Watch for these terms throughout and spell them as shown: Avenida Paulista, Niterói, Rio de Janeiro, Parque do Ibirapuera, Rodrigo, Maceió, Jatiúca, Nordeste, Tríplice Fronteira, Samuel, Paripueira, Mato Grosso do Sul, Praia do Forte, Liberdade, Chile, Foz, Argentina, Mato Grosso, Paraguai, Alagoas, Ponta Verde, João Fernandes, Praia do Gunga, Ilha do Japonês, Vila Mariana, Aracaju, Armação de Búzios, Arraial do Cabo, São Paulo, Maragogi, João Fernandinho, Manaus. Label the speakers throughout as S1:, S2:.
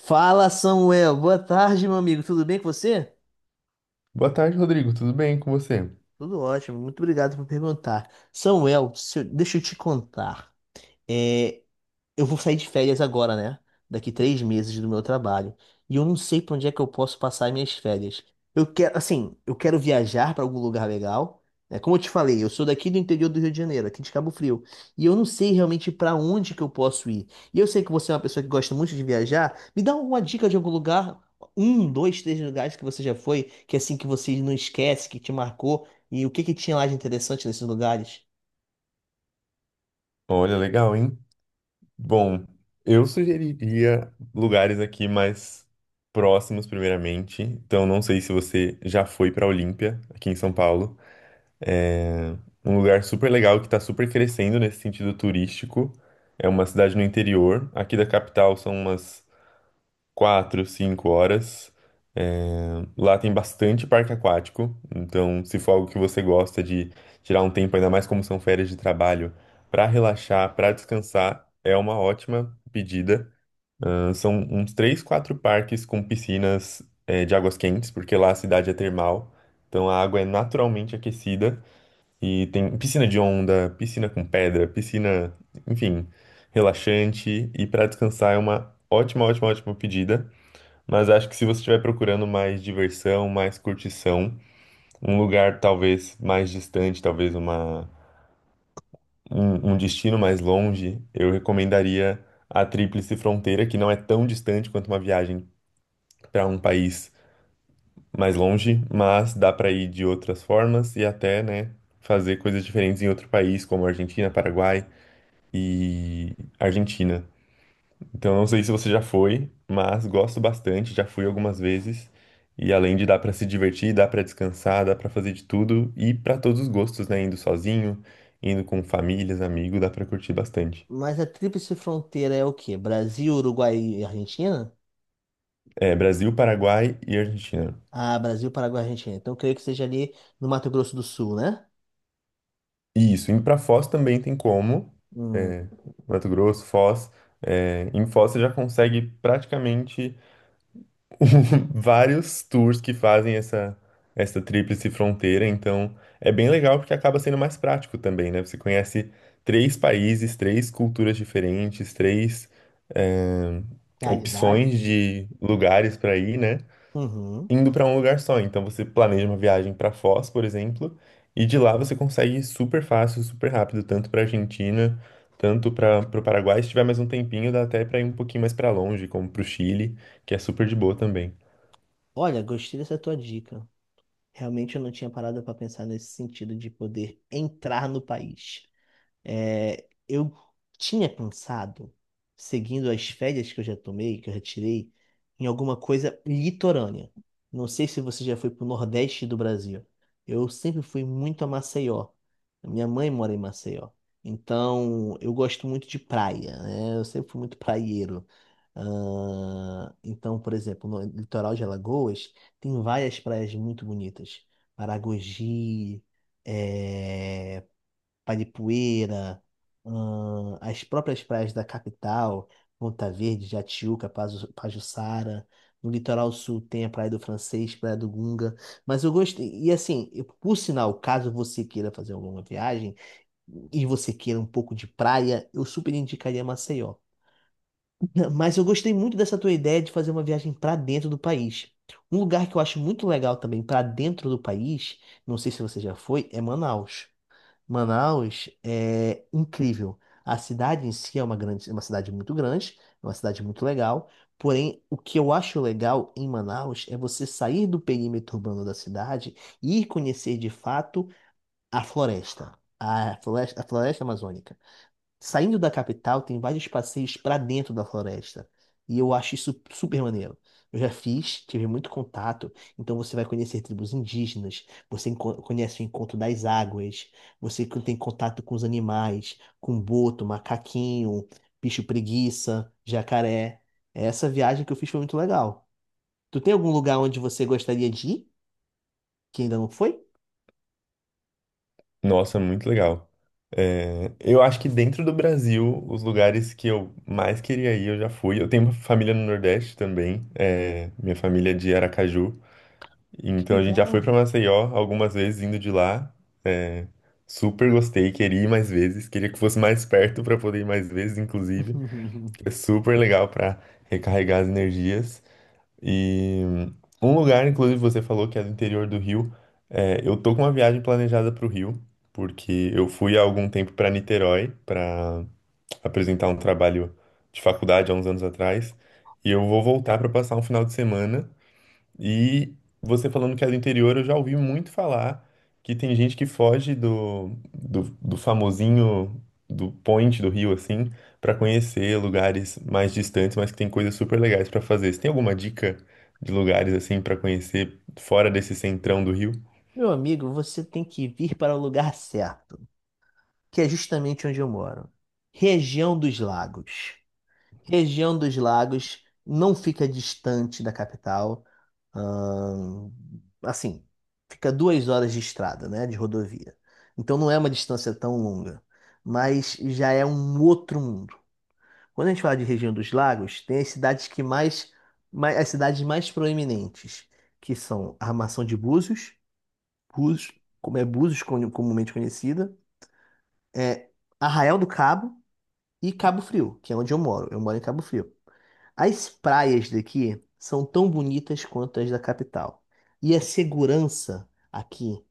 S1: Fala, Samuel. Boa tarde, meu amigo. Tudo bem com você?
S2: Boa tarde, Rodrigo. Tudo bem com você?
S1: Tudo ótimo. Muito obrigado por perguntar. Samuel, se eu- deixa eu te contar. É, eu vou sair de férias agora, né? Daqui 3 meses do meu trabalho. E eu não sei pra onde é que eu posso passar minhas férias. Eu quero, assim, eu quero viajar pra algum lugar legal. Né? Como eu te falei, eu sou daqui do interior do Rio de Janeiro, aqui de Cabo Frio. E eu não sei realmente pra onde que eu posso ir. E eu sei que você é uma pessoa que gosta muito de viajar. Me dá alguma dica de algum lugar, um, dois, três lugares que você já foi, que assim que você não esquece, que te marcou. E o que que tinha lá de interessante nesses lugares?
S2: Olha, legal, hein? Bom, eu sugeriria lugares aqui mais próximos, primeiramente. Então, não sei se você já foi para Olímpia, aqui em São Paulo. Um lugar super legal que está super crescendo nesse sentido turístico. É uma cidade no interior. Aqui da capital são umas quatro, cinco horas. Lá tem bastante parque aquático, então se for algo que você gosta de tirar um tempo, ainda mais como são férias de trabalho, para relaxar, para descansar, é uma ótima pedida. Ah, São uns três, quatro parques com piscinas, de águas quentes, porque lá a cidade é termal, então a água é naturalmente aquecida e tem piscina de onda, piscina com pedra, piscina, enfim, relaxante e para descansar é uma ótima, ótima, ótima pedida. Mas acho que se você estiver procurando mais diversão, mais curtição, um lugar talvez mais distante, talvez um destino mais longe, eu recomendaria a Tríplice Fronteira, que não é tão distante quanto uma viagem para um país mais longe, mas dá para ir de outras formas e até, né, fazer coisas diferentes em outro país, como Argentina, Paraguai e Argentina. Então, não sei se você já foi, mas gosto bastante, já fui algumas vezes. E além de dar pra se divertir, dá pra descansar, dá pra fazer de tudo e pra todos os gostos, né? Indo sozinho, indo com famílias, amigos, dá pra curtir bastante.
S1: Mas a tríplice fronteira é o quê? Brasil, Uruguai e Argentina?
S2: É, Brasil, Paraguai e Argentina.
S1: Ah, Brasil, Paraguai e Argentina. Então, creio que seja ali no Mato Grosso do Sul, né?
S2: Isso, indo pra Foz também tem como,
S1: Hum,
S2: Mato Grosso, Foz. É, em Foz você já consegue praticamente vários tours que fazem essa tríplice fronteira, então é bem legal porque acaba sendo mais prático também, né? Você conhece três países, três culturas diferentes, três hum,
S1: realidades,
S2: opções
S1: né?
S2: de lugares para ir, né?
S1: Uhum.
S2: Indo para um lugar só. Então você planeja uma viagem para Foz, por exemplo, e de lá você consegue ir super fácil, super rápido, tanto para Argentina, tanto para o Paraguai. Se tiver mais um tempinho, dá até para ir um pouquinho mais para longe, como para o Chile, que é super de boa também.
S1: Olha, gostei dessa tua dica. Realmente eu não tinha parado para pensar nesse sentido de poder entrar no país. Eu tinha pensado, seguindo as férias que eu já tomei, que eu já tirei, em alguma coisa litorânea. Não sei se você já foi pro Nordeste do Brasil. Eu sempre fui muito a Maceió. Minha mãe mora em Maceió. Então, eu gosto muito de praia, né? Eu sempre fui muito praieiro. Ah, então, por exemplo, no litoral de Alagoas, tem várias praias muito bonitas. Maragogi, eh, Paripueira, as próprias praias da capital, Ponta Verde, Jatiúca, Pajuçara. No litoral sul tem a Praia do Francês, Praia do Gunga. Mas eu gostei. E assim, por sinal, caso você queira fazer alguma viagem e você queira um pouco de praia, eu super indicaria Maceió. Não, mas eu gostei muito dessa tua ideia de fazer uma viagem para dentro do país. Um lugar que eu acho muito legal também para dentro do país, não sei se você já foi, é Manaus. Manaus é incrível. A cidade em si é uma grande, é uma cidade muito grande, é uma cidade muito legal. Porém, o que eu acho legal em Manaus é você sair do perímetro urbano da cidade e ir conhecer de fato a floresta, a floresta amazônica. Saindo da capital, tem vários passeios pra dentro da floresta. E eu acho isso super maneiro. Eu já fiz, tive muito contato. Então você vai conhecer tribos indígenas, conhece o encontro das águas, tem contato com os animais, com boto, macaquinho, bicho preguiça, jacaré. Essa viagem que eu fiz foi muito legal. Tu tem algum lugar onde você gostaria de ir, que ainda não foi?
S2: Nossa, muito legal. É, eu acho que dentro do Brasil, os lugares que eu mais queria ir, eu já fui. Eu tenho uma família no Nordeste também, é, minha família é de Aracaju.
S1: Que
S2: Então a gente já foi
S1: legal!
S2: para Maceió algumas vezes indo de lá. É, super gostei, queria ir mais vezes, queria que fosse mais perto para poder ir mais vezes, inclusive. É super legal para recarregar as energias. E um lugar, inclusive, você falou que é do interior do Rio. É, eu tô com uma viagem planejada pro Rio, porque eu fui há algum tempo para Niterói para apresentar um trabalho de faculdade há uns anos atrás. E eu vou voltar para passar um final de semana. E você falando que é do interior, eu já ouvi muito falar que tem gente que foge do famosinho do point do Rio, assim, pra conhecer lugares mais distantes, mas que tem coisas super legais pra fazer. Você tem alguma dica de lugares, assim, pra conhecer fora desse centrão do Rio?
S1: Meu amigo, você tem que vir para o lugar certo, que é justamente onde eu moro. Região dos Lagos. Região dos Lagos não fica distante da capital. ahn, assim, fica 2 horas de estrada, né? De rodovia. Então não é uma distância tão longa, mas já é um outro mundo. Quando a gente fala de região dos lagos, tem as cidades mais as cidades mais proeminentes, que são a Armação de Búzios, Búzios, como é Búzios comumente conhecida, é Arraial do Cabo, e Cabo Frio, que é onde eu moro. Eu moro em Cabo Frio. As praias daqui são tão bonitas quanto as da capital. E a segurança aqui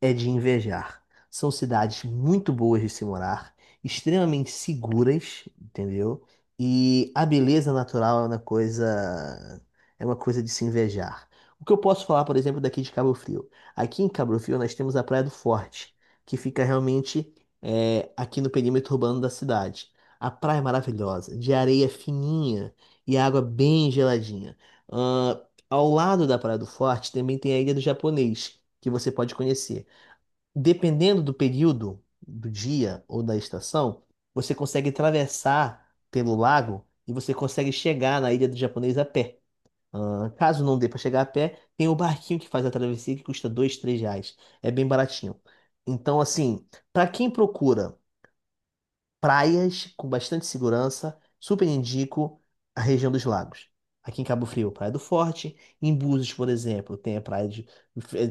S1: é de invejar. São cidades muito boas de se morar, extremamente seguras, entendeu? E a beleza natural é uma coisa de se invejar. O que eu posso falar, por exemplo, daqui de Cabo Frio? Aqui em Cabo Frio nós temos a Praia do Forte, que fica realmente aqui no perímetro urbano da cidade. A praia é maravilhosa, de areia fininha e água bem geladinha. Ahn, Ao lado da Praia do Forte também tem a Ilha do Japonês, que você pode conhecer dependendo do período do dia ou da estação, você consegue atravessar pelo lago e você consegue chegar na Ilha do Japonês a pé. Ah, caso não dê para chegar a pé, tem o barquinho que faz a travessia que custa dois, três reais. É bem baratinho. Então, assim, para quem procura praias com bastante segurança, super indico a região dos lagos. Aqui em Cabo Frio, Praia do Forte. Em Búzios, por exemplo,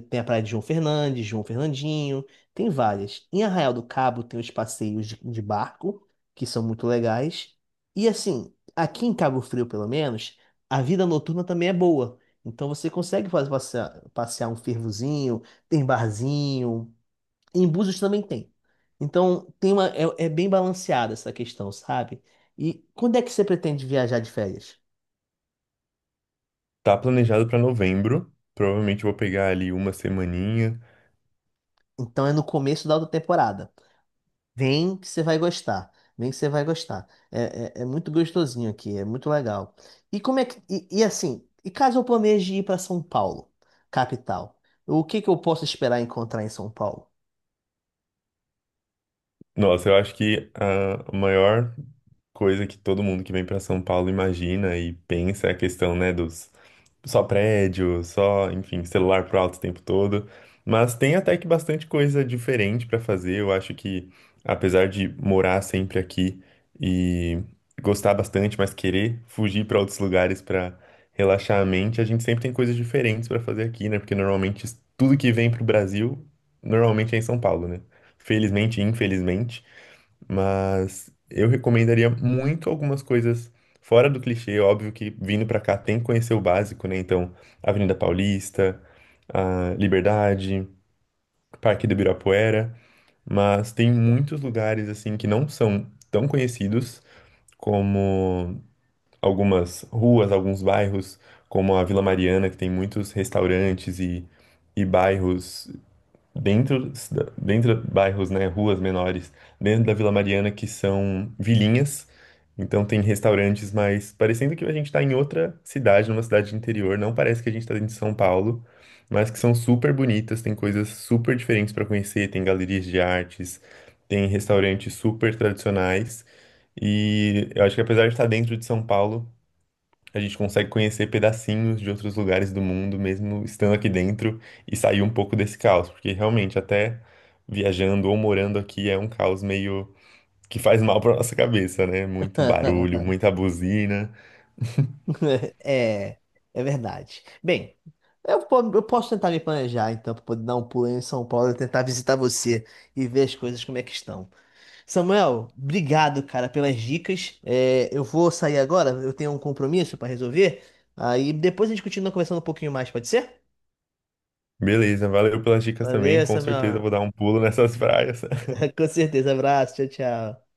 S1: tem a praia de João Fernandes, João Fernandinho, tem várias. Em Arraial do Cabo tem os passeios de barco, que são muito legais. E assim, aqui em Cabo Frio, pelo menos, a vida noturna também é boa. Então você consegue fazer passear, passear um fervozinho, tem barzinho, em Búzios também tem. Então, é bem balanceada essa questão, sabe? E quando é que você pretende viajar de férias?
S2: Tá planejado pra novembro. Provavelmente eu vou pegar ali uma semaninha.
S1: Então, é no começo da outra temporada. Vem que você vai gostar. Vem que você vai gostar. É muito gostosinho aqui, é muito legal. E como é que... E, e assim, e caso eu planeje ir para São Paulo, capital, o que que eu posso esperar encontrar em São Paulo?
S2: Nossa, eu acho que a maior coisa que todo mundo que vem para São Paulo imagina e pensa é a questão, né, dos só prédio, só, enfim, celular pro alto o tempo todo. Mas tem até que bastante coisa diferente para fazer. Eu acho que, apesar de morar sempre aqui e gostar bastante, mas querer fugir para outros lugares para relaxar a mente, a gente sempre tem coisas diferentes para fazer aqui, né? Porque normalmente tudo que vem pro Brasil, normalmente é em São Paulo, né? Felizmente e infelizmente, mas eu recomendaria muito algumas coisas fora do clichê, óbvio que vindo pra cá tem que conhecer o básico, né? Então, Avenida Paulista, a Liberdade, Parque do Ibirapuera, mas tem muitos lugares assim que não são tão conhecidos como algumas ruas, alguns bairros, como a Vila Mariana, que tem muitos restaurantes e bairros dentro, dentro de bairros, né, ruas menores, dentro da Vila Mariana, que são vilinhas. Então tem restaurantes, mas parecendo que a gente está em outra cidade, numa cidade de interior, não parece que a gente está dentro de São Paulo, mas que são super bonitas, tem coisas super diferentes para conhecer, tem galerias de artes, tem restaurantes super tradicionais. E eu acho que apesar de estar dentro de São Paulo, a gente consegue conhecer pedacinhos de outros lugares do mundo, mesmo estando aqui dentro, e sair um pouco desse caos, porque realmente até viajando ou morando aqui é um caos meio que faz mal para nossa cabeça, né? Muito barulho, muita buzina.
S1: É, é verdade. Bem, eu posso tentar me planejar, então, para poder dar um pulo em São Paulo e tentar visitar você e ver as coisas como é que estão. Samuel, obrigado, cara, pelas dicas. É, eu vou sair agora, eu tenho um compromisso para resolver. Aí depois a gente continua conversando um pouquinho mais, pode ser?
S2: Beleza, valeu pelas dicas também.
S1: Valeu,
S2: Com certeza
S1: Samuel.
S2: vou dar um pulo nessas praias.
S1: Com certeza. Abraço, tchau, tchau.